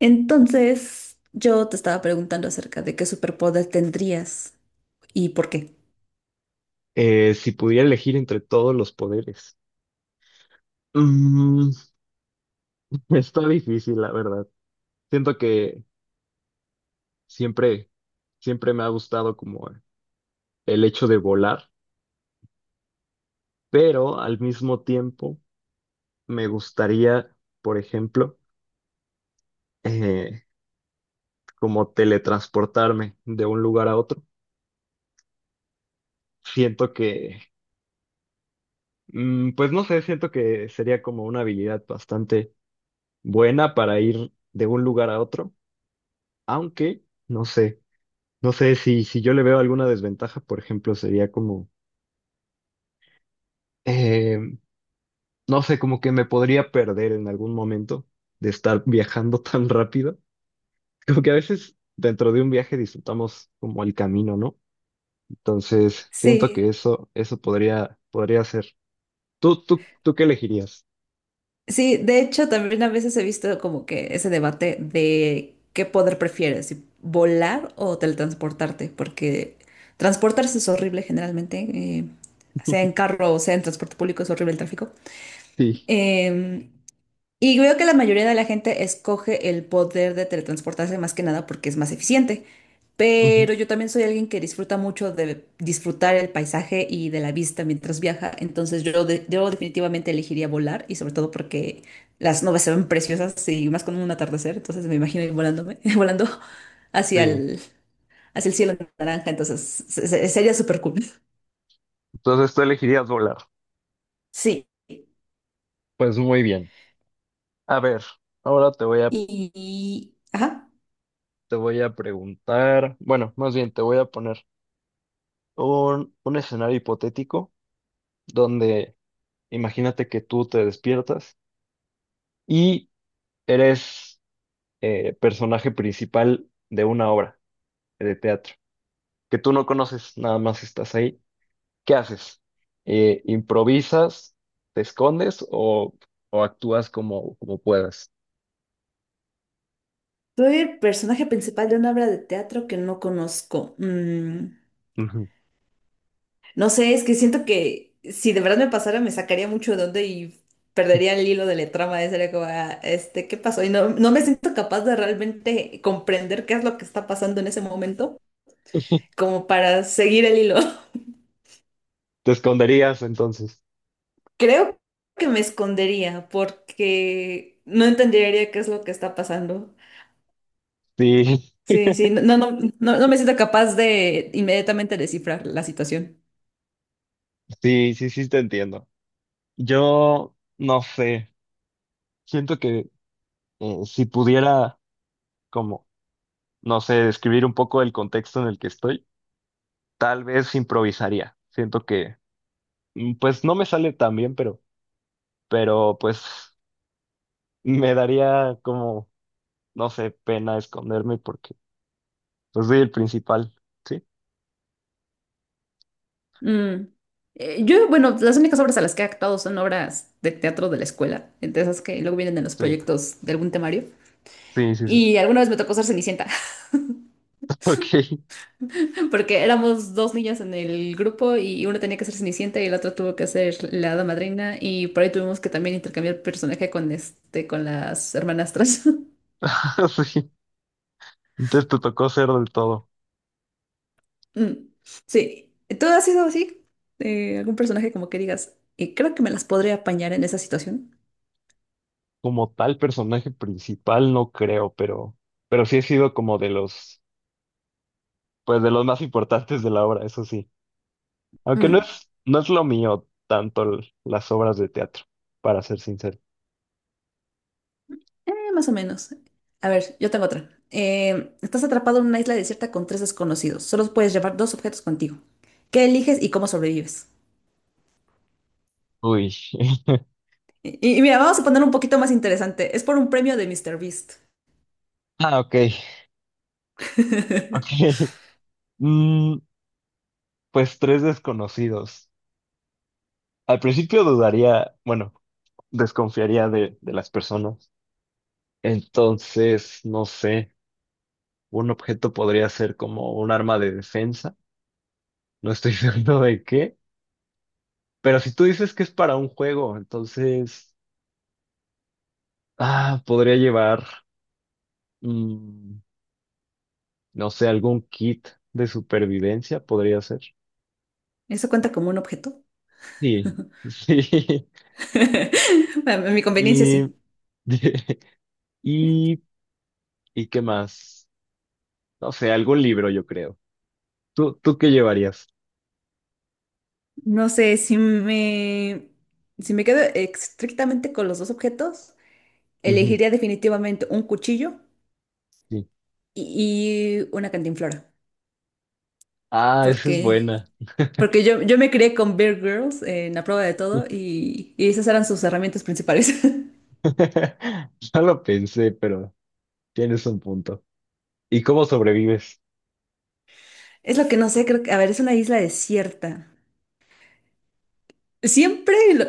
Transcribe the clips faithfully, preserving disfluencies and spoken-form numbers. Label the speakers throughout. Speaker 1: Entonces, yo te estaba preguntando acerca de qué superpoder tendrías y por qué.
Speaker 2: Eh, si pudiera elegir entre todos los poderes, Mm, está difícil, la verdad. Siento que siempre, siempre me ha gustado como el hecho de volar, pero al mismo tiempo me gustaría, por ejemplo, eh, como teletransportarme de un lugar a otro. Siento que, mm, pues no sé, siento que sería como una habilidad bastante buena para ir de un lugar a otro, aunque, no sé. No sé si, si yo le veo alguna desventaja, por ejemplo, sería como, eh, no sé, como que me podría perder en algún momento de estar viajando tan rápido. Como que a veces dentro de un viaje disfrutamos como el camino, ¿no? Entonces, siento
Speaker 1: Sí,
Speaker 2: que eso, eso podría, podría ser. ¿Tú, tú, tú qué elegirías?
Speaker 1: sí, de hecho también a veces he visto como que ese debate de qué poder prefieres, si volar o teletransportarte, porque transportarse es horrible generalmente, eh, sea en carro o sea en transporte público es horrible el tráfico.
Speaker 2: Sí,
Speaker 1: Em, Y veo que la mayoría de la gente escoge el poder de teletransportarse más que nada porque es más eficiente.
Speaker 2: ujú,
Speaker 1: Pero yo también soy alguien que disfruta mucho de disfrutar el paisaje y de la vista mientras viaja. Entonces yo, de- yo definitivamente elegiría volar, y sobre todo porque las nubes se ven preciosas y más con un atardecer. Entonces me imagino ir volándome, volando hacia
Speaker 2: sí.
Speaker 1: el, hacia el cielo naranja. Entonces se- se- sería súper cool.
Speaker 2: Entonces tú elegirías volar.
Speaker 1: Sí.
Speaker 2: Pues muy bien. A ver, ahora te voy a,
Speaker 1: Y... Ajá.
Speaker 2: te voy a preguntar, bueno, más bien te voy a poner un, un escenario hipotético donde imagínate que tú te despiertas y eres eh, personaje principal de una obra de teatro que tú no conoces, nada más estás ahí. ¿Qué haces? Eh, ¿improvisas, te escondes o, o actúas como, como puedas?
Speaker 1: Soy el personaje principal de una obra de teatro que no conozco. Mm,
Speaker 2: Ujú.
Speaker 1: no sé, es que siento que si de verdad me pasara me sacaría mucho de onda y perdería el hilo de la trama. eh, Sería como, ah, este, ¿qué pasó? Y no, no me siento capaz de realmente comprender qué es lo que está pasando en ese momento, como para seguir el hilo.
Speaker 2: Te esconderías entonces.
Speaker 1: Creo que me escondería porque no entendería qué es lo que está pasando.
Speaker 2: Sí,
Speaker 1: Sí, sí, no, no, no, no no me siento capaz de inmediatamente descifrar la situación.
Speaker 2: sí, sí, sí, te entiendo. Yo no sé, siento que eh, si pudiera como no sé, describir un poco el contexto en el que estoy, tal vez improvisaría. Siento que, mm, pues no me sale tan bien, pero, pero pues me daría como, no sé, pena esconderme porque pues soy el principal. Sí,
Speaker 1: Mm. Eh, yo, bueno, las únicas obras a las que he actuado son obras de teatro de la escuela, entre esas que luego vienen en los
Speaker 2: sí,
Speaker 1: proyectos de algún temario.
Speaker 2: sí, sí, sí.
Speaker 1: Y alguna vez me tocó ser Cenicienta,
Speaker 2: Ok,
Speaker 1: porque éramos dos niñas en el grupo y una tenía que ser Cenicienta y la otra tuvo que ser la hada madrina y por ahí tuvimos que también intercambiar personaje con este, con las hermanastras.
Speaker 2: sí. Entonces te tocó ser del todo.
Speaker 1: Mm. Sí, ¿tú has sido así? Eh, ¿algún personaje como que digas, eh, creo que me las podré apañar en esa situación?
Speaker 2: Como tal personaje principal, no creo, pero, pero sí he sido como de los, pues de los más importantes de la obra, eso sí. Aunque no
Speaker 1: Mm.
Speaker 2: es, no es lo mío tanto l- las obras de teatro, para ser sincero.
Speaker 1: Eh, más o menos. A ver, yo tengo otra. Eh, estás atrapado en una isla desierta con tres desconocidos. Solo puedes llevar dos objetos contigo. ¿Qué eliges y cómo sobrevives?
Speaker 2: Uy.
Speaker 1: Y, y mira, vamos a poner un poquito más interesante. Es por un premio de Mister Beast.
Speaker 2: Ah, ok. Ok. Mm, pues tres desconocidos. Al principio dudaría, bueno, desconfiaría de, de las personas. Entonces, no sé, un objeto podría ser como un arma de defensa. No estoy seguro de qué. Pero si tú dices que es para un juego, entonces, ah, podría llevar, mm, no sé, algún kit de supervivencia podría ser.
Speaker 1: ¿Eso cuenta como un objeto?
Speaker 2: Sí, sí.
Speaker 1: A mi conveniencia,
Speaker 2: Y,
Speaker 1: sí.
Speaker 2: y, ¿y qué más? No sé, algún libro, yo creo. ¿Tú, tú qué llevarías?
Speaker 1: No sé, si me, si me quedo estrictamente con los dos objetos,
Speaker 2: Ujú,
Speaker 1: elegiría definitivamente un cuchillo
Speaker 2: sí.
Speaker 1: y, y una cantinflora.
Speaker 2: Ah, esa es
Speaker 1: Porque
Speaker 2: buena.
Speaker 1: Porque yo, yo me crié con Bear Girls, eh, en la prueba de todo, y, y esas eran sus herramientas principales.
Speaker 2: No lo pensé, pero tienes un punto. ¿Y cómo sobrevives?
Speaker 1: Es lo que no sé, creo que, a ver, es una isla desierta. Siempre lo,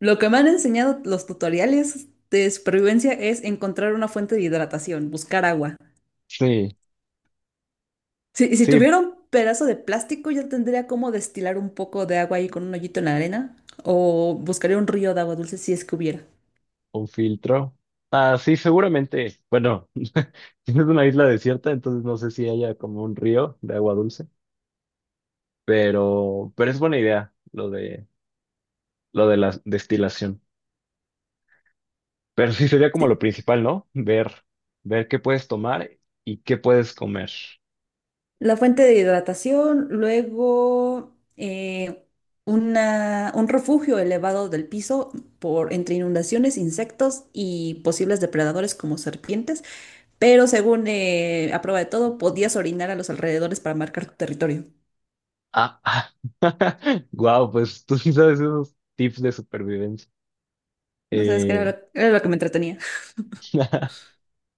Speaker 1: lo que me han enseñado los tutoriales de supervivencia es encontrar una fuente de hidratación, buscar agua.
Speaker 2: Sí,
Speaker 1: Si, si
Speaker 2: sí,
Speaker 1: tuviera un pedazo de plástico, yo tendría como destilar un poco de agua ahí con un hoyito en la arena, o buscaría un río de agua dulce si es que hubiera.
Speaker 2: un filtro. Ah, sí, seguramente. Bueno, tienes una isla desierta, entonces no sé si haya como un río de agua dulce. Pero, pero es buena idea lo de, lo de la destilación. Pero sí sería como lo principal, ¿no? Ver, ver qué puedes tomar y qué puedes comer.
Speaker 1: La fuente de hidratación, luego eh, una- un refugio elevado del piso por, entre inundaciones, insectos y posibles depredadores como serpientes, pero según eh, a prueba de todo, podías orinar a los alrededores para marcar tu territorio.
Speaker 2: Ah, ah. Wow, pues tú sí sabes esos tips de supervivencia.
Speaker 1: No sabes qué era
Speaker 2: Eh,
Speaker 1: lo, era lo que me entretenía.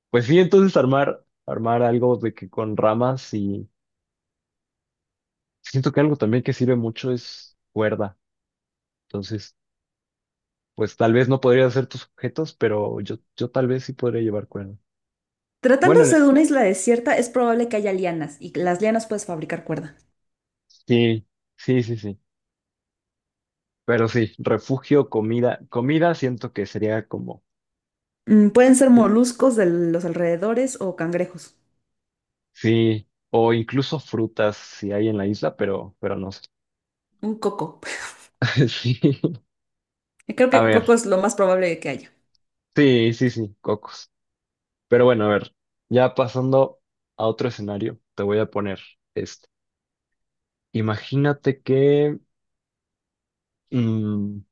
Speaker 2: pues sí, entonces armar, armar algo de que con ramas y siento que algo también que sirve mucho es cuerda. Entonces, pues tal vez no podría hacer tus objetos, pero yo, yo tal vez sí podría llevar cuerda. Bueno,
Speaker 1: Tratándose
Speaker 2: en-
Speaker 1: de una isla desierta, es probable que haya lianas, y las lianas puedes fabricar cuerda.
Speaker 2: sí, sí, sí, sí. Pero sí, refugio, comida, comida siento que sería como,
Speaker 1: Mm, pueden ser moluscos de los alrededores o cangrejos.
Speaker 2: sí, o incluso frutas si hay en la isla, pero, pero no sé.
Speaker 1: Un coco.
Speaker 2: Sí.
Speaker 1: Creo
Speaker 2: A
Speaker 1: que
Speaker 2: ver,
Speaker 1: coco es lo más probable que haya.
Speaker 2: sí, sí, sí, cocos. Pero bueno, a ver, ya pasando a otro escenario, te voy a poner este. Imagínate que, mm,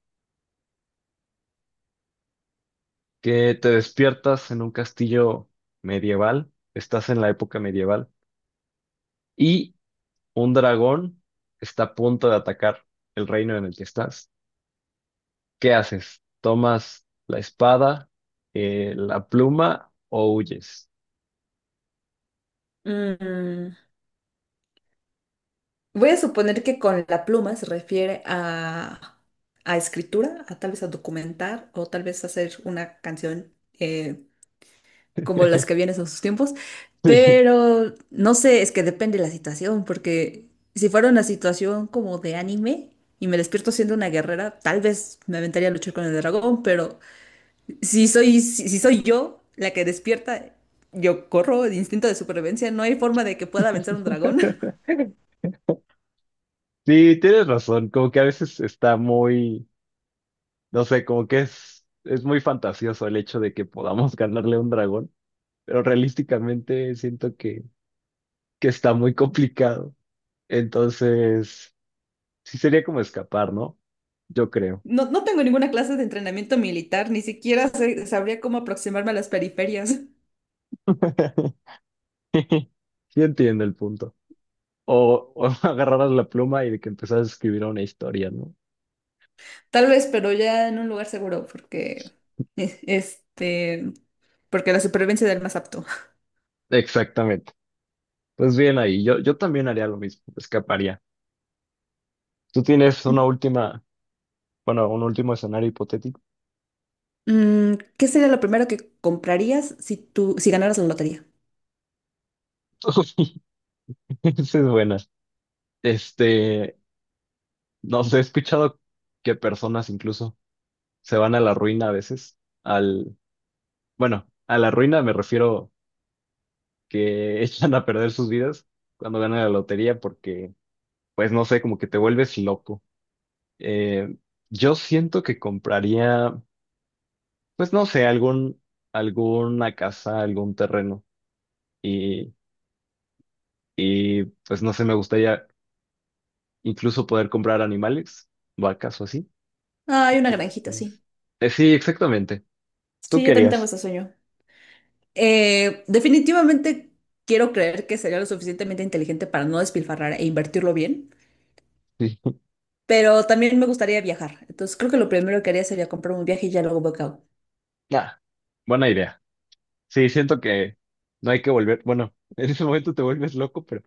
Speaker 2: que te despiertas en un castillo medieval, estás en la época medieval, y un dragón está a punto de atacar el reino en el que estás. ¿Qué haces? ¿Tomas la espada, eh, la pluma o huyes?
Speaker 1: Mm, voy a suponer que con la pluma se refiere a, a escritura, a tal vez a documentar o tal vez hacer una canción, eh, como las que vienen en sus tiempos,
Speaker 2: Sí,
Speaker 1: pero no sé, es que depende de la situación, porque si fuera una situación como de anime y me despierto siendo una guerrera, tal vez me aventaría a luchar con el dragón, pero si soy, si, si soy yo la que despierta, yo corro de instinto de supervivencia, no hay forma de que pueda vencer un dragón.
Speaker 2: sí, tienes razón. Como que a veces está muy, no sé, como que es, es muy fantasioso el hecho de que podamos ganarle a un dragón, pero realísticamente siento que, que está muy complicado. Entonces, sí sería como escapar, ¿no? Yo creo.
Speaker 1: No, no tengo ninguna clase de entrenamiento militar, ni siquiera sé- sabría cómo aproximarme a las periferias.
Speaker 2: Sí, entiendo el punto. O, o agarraras la pluma y de que empezaras a escribir una historia, ¿no?
Speaker 1: Tal vez, pero ya en un lugar seguro, porque eh, este, porque la supervivencia del más apto.
Speaker 2: Exactamente. Pues bien ahí, yo, yo también haría lo mismo, escaparía. Tú tienes una última, bueno, un último escenario hipotético.
Speaker 1: Mm, ¿qué sería lo primero que comprarías si tú, si ganaras la lotería?
Speaker 2: Esa es buena. Este, no sé, he escuchado que personas incluso se van a la ruina a veces, al, bueno, a la ruina me refiero que echan a perder sus vidas cuando ganan la lotería porque, pues no sé, como que te vuelves loco. Eh, yo siento que compraría, pues no sé, algún, alguna casa, algún terreno y, y pues no sé, me gustaría incluso poder comprar animales, vacas o así.
Speaker 1: Ah, hay una granjita, sí.
Speaker 2: Entonces, eh, sí, exactamente. ¿Tú
Speaker 1: Sí, yo también tengo
Speaker 2: querías?
Speaker 1: ese sueño. Eh, definitivamente quiero creer que sería lo suficientemente inteligente para no despilfarrar e invertirlo bien,
Speaker 2: Sí.
Speaker 1: pero también me gustaría viajar. Entonces creo que lo primero que haría sería comprar un viaje y ya luego veo.
Speaker 2: Nah, buena idea. Sí, siento que no hay que volver, bueno, en ese momento te vuelves loco, pero,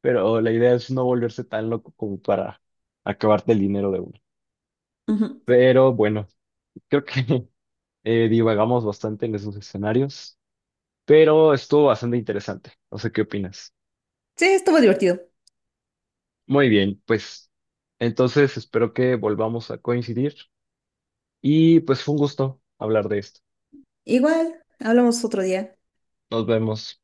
Speaker 2: pero la idea es no volverse tan loco como para acabarte el dinero de uno.
Speaker 1: Ujú.
Speaker 2: Pero bueno, creo que eh, divagamos bastante en esos escenarios, pero estuvo bastante interesante. No sé qué opinas.
Speaker 1: Sí, estuvo divertido.
Speaker 2: Muy bien, pues entonces espero que volvamos a coincidir y pues fue un gusto hablar de esto.
Speaker 1: Igual, hablamos otro día.
Speaker 2: Nos vemos.